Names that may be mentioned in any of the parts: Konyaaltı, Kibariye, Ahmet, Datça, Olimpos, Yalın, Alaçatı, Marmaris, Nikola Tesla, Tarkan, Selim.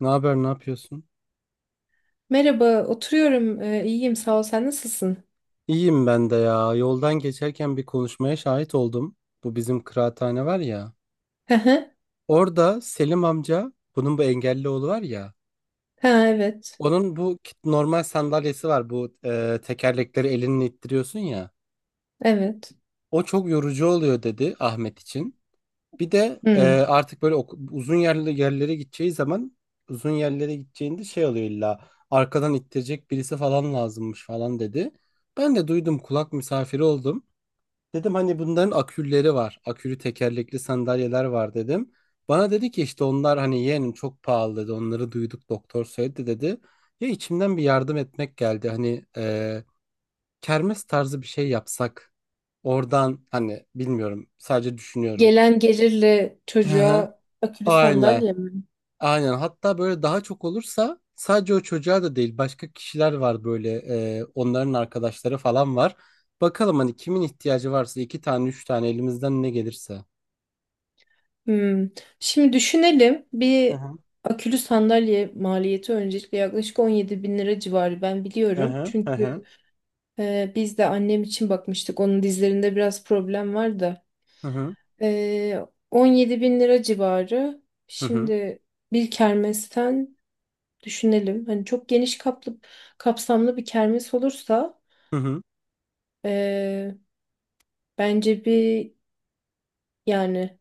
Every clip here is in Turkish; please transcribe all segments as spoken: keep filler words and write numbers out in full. Ne haber, ne yapıyorsun? Merhaba, oturuyorum. Ee, iyiyim, sağ ol. Sen nasılsın? İyiyim ben de ya. Yoldan geçerken bir konuşmaya şahit oldum. Bu bizim kıraathane var ya. Hı hı. Orada Selim amca, bunun bu engelli oğlu var ya. Ha, evet. Onun bu kit- normal sandalyesi var. Bu e, tekerlekleri elinle ittiriyorsun ya. Evet. O çok yorucu oluyor dedi Ahmet için. Bir de e, Hmm. artık böyle oku- uzun yerli yerlere gideceği zaman uzun yerlere gideceğinde şey oluyor illa arkadan ittirecek birisi falan lazımmış falan dedi. Ben de duydum kulak misafiri oldum. Dedim hani bunların akülleri var. Akülü tekerlekli sandalyeler var dedim. Bana dedi ki işte onlar hani yeğenim çok pahalı dedi. Onları duyduk doktor söyledi dedi. Ya içimden bir yardım etmek geldi. Hani e, kermes tarzı bir şey yapsak. Oradan hani bilmiyorum sadece düşünüyorum. Gelen gelirle Hı hı. çocuğa akülü Aynen. sandalye mi? Aynen. Hatta böyle daha çok olursa sadece o çocuğa da değil başka kişiler var böyle e, onların arkadaşları falan var. Bakalım hani kimin ihtiyacı varsa iki tane üç tane elimizden ne gelirse. Hmm. Şimdi düşünelim. Hı Bir hı. akülü sandalye maliyeti öncelikle yaklaşık on yedi bin lira civarı ben Hı biliyorum. hı. Hı hı. Çünkü e, biz de annem için bakmıştık. Onun dizlerinde biraz problem var da. Hı hı. E, on yedi bin lira civarı. Hı hı. Şimdi bir kermesten düşünelim. Hani çok geniş kaplı, kapsamlı bir kermes olursa Hı hı. eee, bence bir yani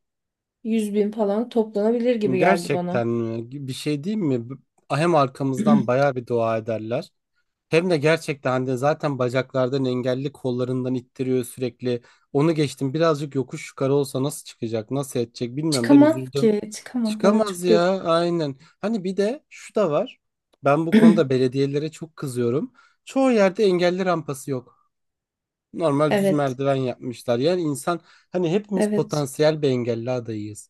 yüz bin falan toplanabilir gibi geldi bana. Gerçekten mi? Bir şey diyeyim mi? B- Hem arkamızdan bayağı bir dua ederler. Hem de gerçekten hani zaten bacaklardan engelli kollarından ittiriyor sürekli. Onu geçtim birazcık yokuş yukarı olsa nasıl çıkacak nasıl edecek bilmiyorum ben Çıkamaz üzüldüm. ki. Çıkamaz. Evet, Çıkamaz çok ya yazık. aynen. Hani bir de şu da var. Ben bu konuda belediyelere çok kızıyorum. Çoğu yerde engelli rampası yok. Normal düz Evet. merdiven yapmışlar. Yani insan hani hepimiz Evet. potansiyel bir engelli adayıyız.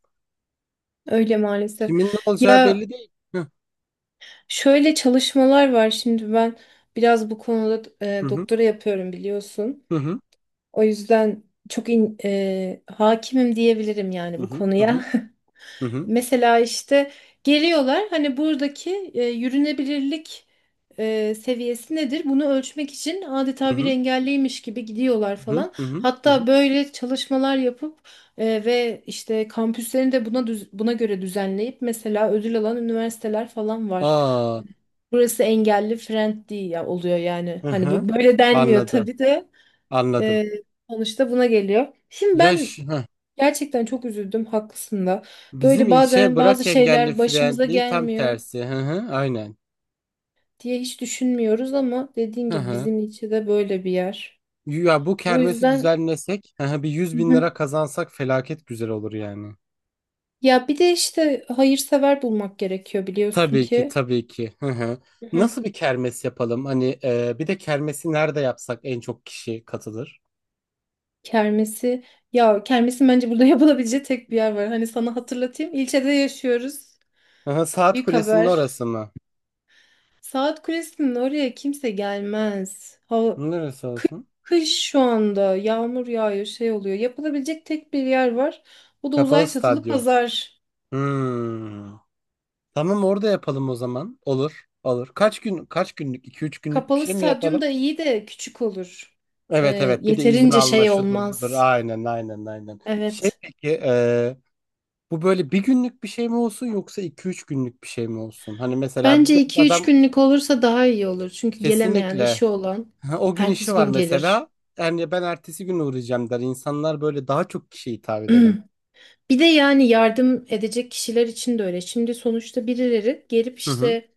Öyle maalesef. Kimin ne olacağı Ya belli değil. Hı şöyle çalışmalar var. Şimdi ben biraz bu konuda e, hı. doktora yapıyorum biliyorsun. Hı hı. O yüzden çok in- e, hakimim diyebilirim Hı yani bu hı. Hı konuya. hı. Hı Mesela işte geliyorlar hani buradaki e, yürünebilirlik e, seviyesi nedir? Bunu ölçmek için adeta bir hı. engelliymiş gibi gidiyorlar Hı falan. hı. Hı. Hatta böyle çalışmalar yapıp e, ve işte kampüslerini de buna düz- buna göre düzenleyip mesela ödül alan üniversiteler falan var. Aa, Burası engelli friendly ya oluyor yani. hı Hani hı. bu böyle denmiyor Anladım. tabii de, Anladım. e, sonuçta buna geliyor. Şimdi Yaş ben hı. Gerçekten çok üzüldüm, haklısın da. Bizim Böyle ilçeye bazen bazı bırak engelli şeyler başımıza friendly tam gelmiyor tersi. Hı hı. Aynen. diye hiç düşünmüyoruz ama dediğin Hı gibi hı. bizim için de böyle bir yer. Ya bu O kermesi yüzden. düzenlesek, hı hı, bir yüz Hı bin hı. lira kazansak felaket güzel olur yani. Ya bir de işte hayırsever bulmak gerekiyor biliyorsun Tabii ki, ki. tabii ki. Hı hı. Hı hı. Nasıl bir kermes yapalım? Hani e, bir de kermesi nerede yapsak en çok kişi katılır? Kermesi Ya kermesin bence burada yapılabileceği tek bir yer var. Hani sana hatırlatayım. İlçede yaşıyoruz. Hı hı, Saat Büyük Kulesi'nin haber. orası mı? Saat Kulesi'nin oraya kimse gelmez. Hava, Neresi kı- olsun? Kış şu anda yağmur yağıyor şey oluyor. Yapılabilecek tek bir yer var. O da Kapalı uzay çatılı stadyum. pazar. Hmm. Tamam orada yapalım o zaman. Olur, olur. Kaç gün, kaç günlük? iki üç günlük bir Kapalı şey mi stadyum yapalım? da iyi de küçük olur. Ee, Evet evet bir de izin Yeterince alma şey şudur budur. olmaz. Aynen aynen aynen. Şey Evet. peki e, bu böyle bir günlük bir şey mi olsun yoksa iki üç günlük bir şey mi olsun? Hani mesela Bence bir iki üç adam günlük olursa daha iyi olur. Çünkü gelemeyen kesinlikle. işi olan Ha, o gün işi ertesi var gün gelir. mesela. Yani ben ertesi gün uğrayacağım der. İnsanlar böyle daha çok kişiye hitap edelim. Bir de yani yardım edecek kişiler için de öyle. Şimdi sonuçta birileri gelip Hı hı. işte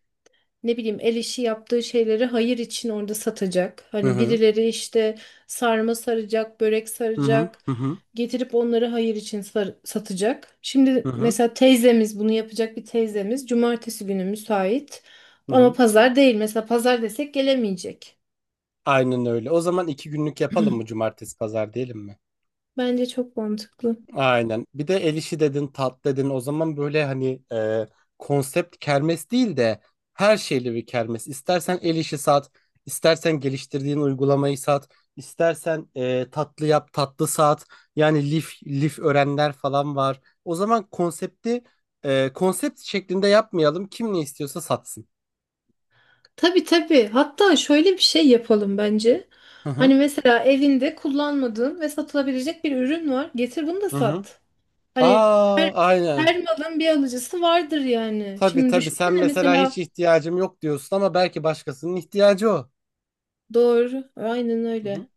ne bileyim el işi yaptığı şeyleri hayır için orada satacak. Hı Hani hı. birileri işte sarma saracak, börek Hı hı. saracak, Hı hı. getirip onları hayır için sar- satacak. Hı Şimdi hı. mesela teyzemiz bunu yapacak, bir teyzemiz cumartesi günü müsait Hı ama hı. pazar değil. Mesela pazar desek gelemeyecek. Aynen öyle. O zaman iki günlük yapalım mı cumartesi pazar diyelim mi? Bence çok mantıklı. Aynen. Bir de el işi dedin, tat dedin. O zaman böyle hani e, konsept kermes değil de her şeyli bir kermes. İstersen el işi sat, istersen geliştirdiğin uygulamayı sat, istersen e, tatlı yap, tatlı sat. Yani lif, lif öğrenler falan var. O zaman konsepti e, konsept şeklinde yapmayalım. Kim ne istiyorsa satsın. Tabii tabii. Hatta şöyle bir şey yapalım bence. Hı Hani hı. mesela evinde kullanmadığın ve satılabilecek bir ürün var. Getir bunu da Hı hı. sat. Hani her Aa, aynen. her malın bir alıcısı vardır yani. Tabii Şimdi tabii sen düşünsene mesela hiç mesela ihtiyacım yok diyorsun ama belki başkasının ihtiyacı o. doğru, aynen Hı hı. öyle.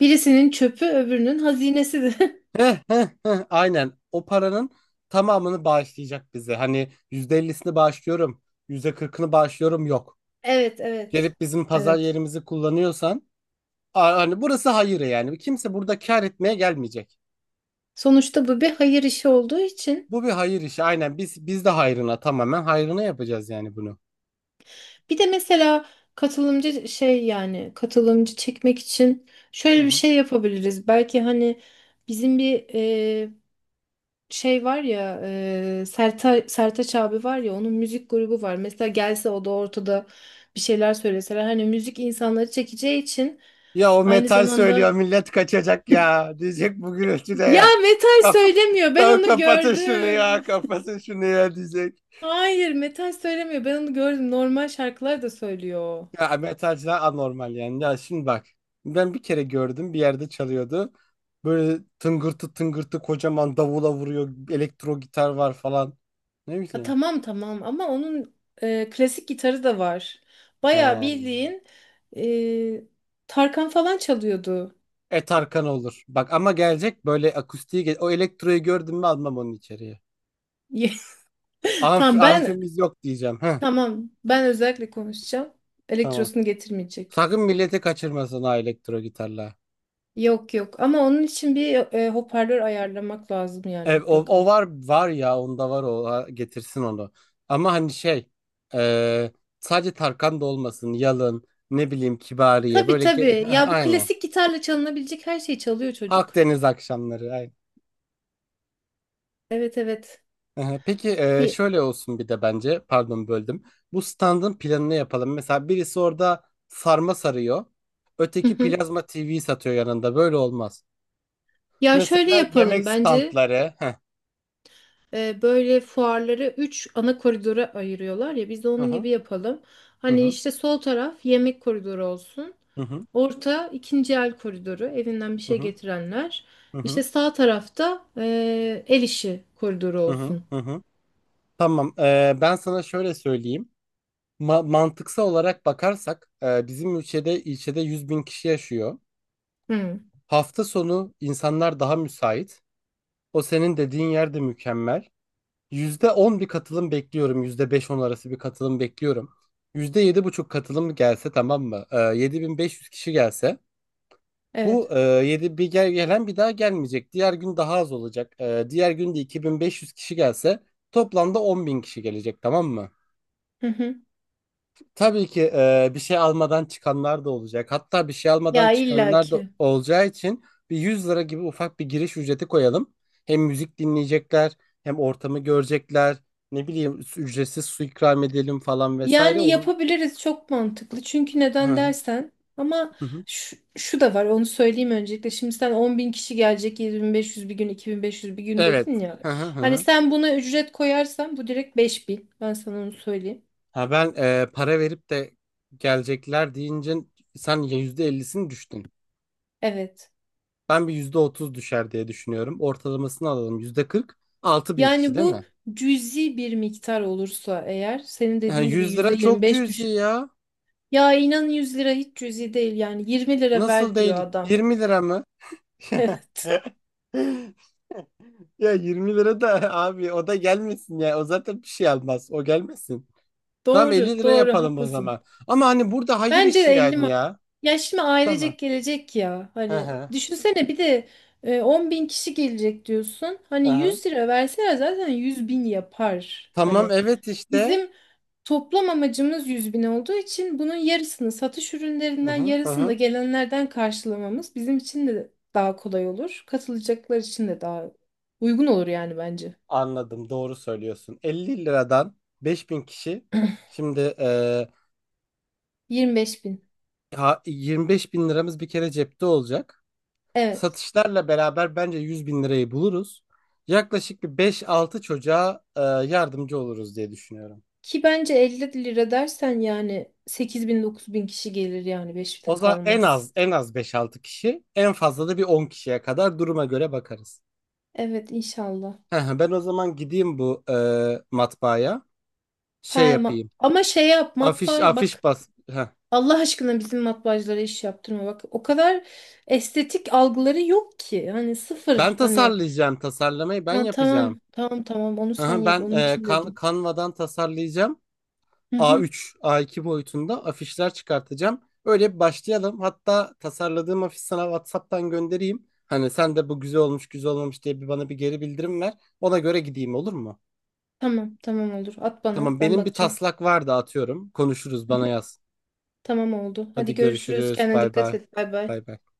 Birisinin çöpü öbürünün hazinesidir. Heh, heh, heh, aynen. O paranın tamamını bağışlayacak bize. Hani yüzde ellisini bağışlıyorum, yüzde kırkını bağışlıyorum yok. Evet, evet. Gelip bizim pazar Evet. yerimizi kullanıyorsan, a- hani burası hayır yani. Kimse burada kar etmeye gelmeyecek. Sonuçta bu bir hayır işi olduğu için. Bu bir hayır işi. Aynen biz biz de hayrına tamamen hayrına yapacağız yani bunu. Bir de mesela katılımcı şey yani katılımcı çekmek için Hı şöyle bir hı. şey yapabiliriz. Belki hani bizim bir şey var ya, e, Serta, Sertaç abi var ya, onun müzik grubu var. Mesela gelse o da ortada bir şeyler söyleseler hani müzik insanları çekeceği için Ya o aynı metal söylüyor zamanda millet kaçacak ya. Diyecek bu gürültüde ya ya. metal Kap söylemiyor, ben kap- onu Kapatın şunu gördüm. ya, kapatın şunu ya diyecek. Hayır metal söylemiyor, ben onu gördüm, normal şarkılar da söylüyor. Ya metalciler anormal yani. Ya şimdi bak. Ben bir kere gördüm bir yerde çalıyordu. Böyle tıngırtı tıngırtı kocaman davula vuruyor. Elektro gitar var falan. Ne Ha, bileyim. tamam tamam, ama onun e, klasik gitarı da var. Bayağı He. bildiğin e, Tarkan falan çalıyordu. Et Arkan olur. Bak ama gelecek böyle akustiği. ge- O elektroyu gördüm mü almam onu içeriye. Amf Tamam ben amfimiz yok diyeceğim. Heh, Tamam, ben özellikle konuşacağım. tamam. Elektrosunu getirmeyecek. Sakın milleti kaçırmasın ha elektro gitarla. Yok yok, ama onun için bir e, hoparlör ayarlamak lazım yani Ev, o, o mutlaka. var var ya onda var o ha, getirsin onu. Ama hani şey e, sadece Tarkan da olmasın Yalın ne bileyim Kibariye Tabii böyle tabii. ge- Ya bu aynen klasik gitarla çalınabilecek her şeyi çalıyor çocuk. Akdeniz akşamları aynen. Evet evet. Aha, peki e, Bir... şöyle olsun bir de bence pardon böldüm. Bu standın planını yapalım. Mesela birisi orada sarma sarıyor. Hı Öteki hı. plazma T V satıyor yanında. Böyle olmaz. Ya şöyle Mesela yapalım yemek bence. standları. Heh. E, böyle fuarları üç ana koridora ayırıyorlar ya, biz de Hı onun hı. gibi yapalım. Hı Hani hı. işte sol taraf yemek koridoru olsun. Hı Orta ikinci el koridoru, evinden bir hı. şey Hı getirenler. hı. Hı İşte sağ tarafta e, el işi koridoru hı. Hı. olsun. Hı. Hı hı. Tamam. Eee, ben sana şöyle söyleyeyim. Ma- mantıksal olarak bakarsak eee, bizim ülkede ilçede yüz bin kişi yaşıyor. Hı, Hafta sonu insanlar daha müsait. O senin dediğin yer de mükemmel. Yüzde on bir katılım bekliyorum. Yüzde beş on arası bir katılım bekliyorum. Yüzde yedi buçuk katılım gelse tamam mı? Ee, Yedi bin beş yüz kişi gelse. Bu evet. eee yedi bir gel gelen bir daha gelmeyecek. Diğer gün daha az olacak. Eee, diğer gün de iki bin beş yüz kişi gelse toplamda on bin kişi gelecek tamam mı? Hı hı. Tabii ki e, bir şey almadan çıkanlar da olacak. Hatta bir şey almadan Ya çıkanlar da illaki. olacağı için bir yüz lira gibi ufak bir giriş ücreti koyalım. Hem müzik dinleyecekler, hem ortamı görecekler. Ne bileyim ücretsiz su ikram edelim falan vesaire. Yani Onun yapabiliriz, çok mantıklı. Çünkü hı neden hı, dersen ama hı hı. şu, şu da var, onu söyleyeyim öncelikle. Şimdi sen on bin kişi gelecek, yedi bin beş yüz bir gün iki bin beş yüz bir gün Evet. dedin ya. Hı hı, hı Hani hı. sen buna ücret koyarsan bu direkt beş bin, ben sana onu söyleyeyim. Ha ben e, para verip de gelecekler deyince sen yüzde ellisini düştün. Evet Ben bir yüzde otuz düşer diye düşünüyorum. Ortalamasını alalım yüzde kırk. Altı bin kişi yani değil mi? bu cüzi bir miktar olursa eğer, senin Ha, dediğin gibi yüz lira çok yüzde yirmi beş cüzi düşün. ya. Ya inan yüz lira hiç cüzi değil, yani yirmi lira Nasıl ver diyor değil? adam. yirmi lira mı? Evet, Ya yirmi lira da abi o da gelmesin ya. O zaten bir şey almaz. O gelmesin. Tamam elli doğru lira doğru yapalım o haklısın. zaman. Ama hani burada hayır Bence de işi elli yani ma- ya. ya şimdi Tamam. ailecek gelecek ya. Hı Hani hı. düşünsene bir de e, on bin kişi gelecek diyorsun. Hı Hani hı. yüz lira verseler zaten yüz bin yapar. Tamam Hani evet işte. bizim toplam amacımız yüz bin olduğu için bunun yarısını satış Hı ürünlerinden, hı. Hı yarısını da hı. gelenlerden karşılamamız bizim için de daha kolay olur. Katılacaklar için de daha uygun olur yani bence. Anladım doğru söylüyorsun. elli liradan beş bin kişi. Şimdi eee yirmi beş bin. ha- yirmi beş bin liramız bir kere cepte olacak. Evet. Satışlarla beraber bence yüz bin lirayı buluruz. Yaklaşık bir beş-altı çocuğa e, yardımcı oluruz diye düşünüyorum. Ki bence elli lira dersen yani sekiz bin dokuz bin kişi gelir, yani beşte O zaman en kalmaz. az en az beş-altı kişi, en fazla da bir on kişiye kadar duruma göre bakarız. Evet inşallah. Ben o zaman gideyim bu e, matbaaya. Şey He, ma- yapayım. ama şey yap, Afiş matbaa afiş bak, bas. Heh. Allah aşkına bizim matbaacılara iş yaptırma bak. O kadar estetik algıları yok ki. Hani sıfır Ben hani, tasarlayacağım tasarlamayı ben ha, yapacağım. tamam tamam tamam onu sen Aha, yap, ben onun e, için Can- dedim. Canva'dan tasarlayacağım. Hı hı, A üç, A iki boyutunda afişler çıkartacağım. Öyle bir başlayalım. Hatta tasarladığım afiş sana WhatsApp'tan göndereyim. Hani sen de bu güzel olmuş, güzel olmamış diye bir bana bir geri bildirim ver. Ona göre gideyim olur mu? tamam tamam olur, at bana, Tamam, ben benim bir bakacağım. taslak vardı atıyorum. Konuşuruz, Hı hı, bana yaz. tamam oldu. Hadi Hadi görüşürüz. görüşürüz. Kendine Bay dikkat bay. et. Bay bay. Bay bay.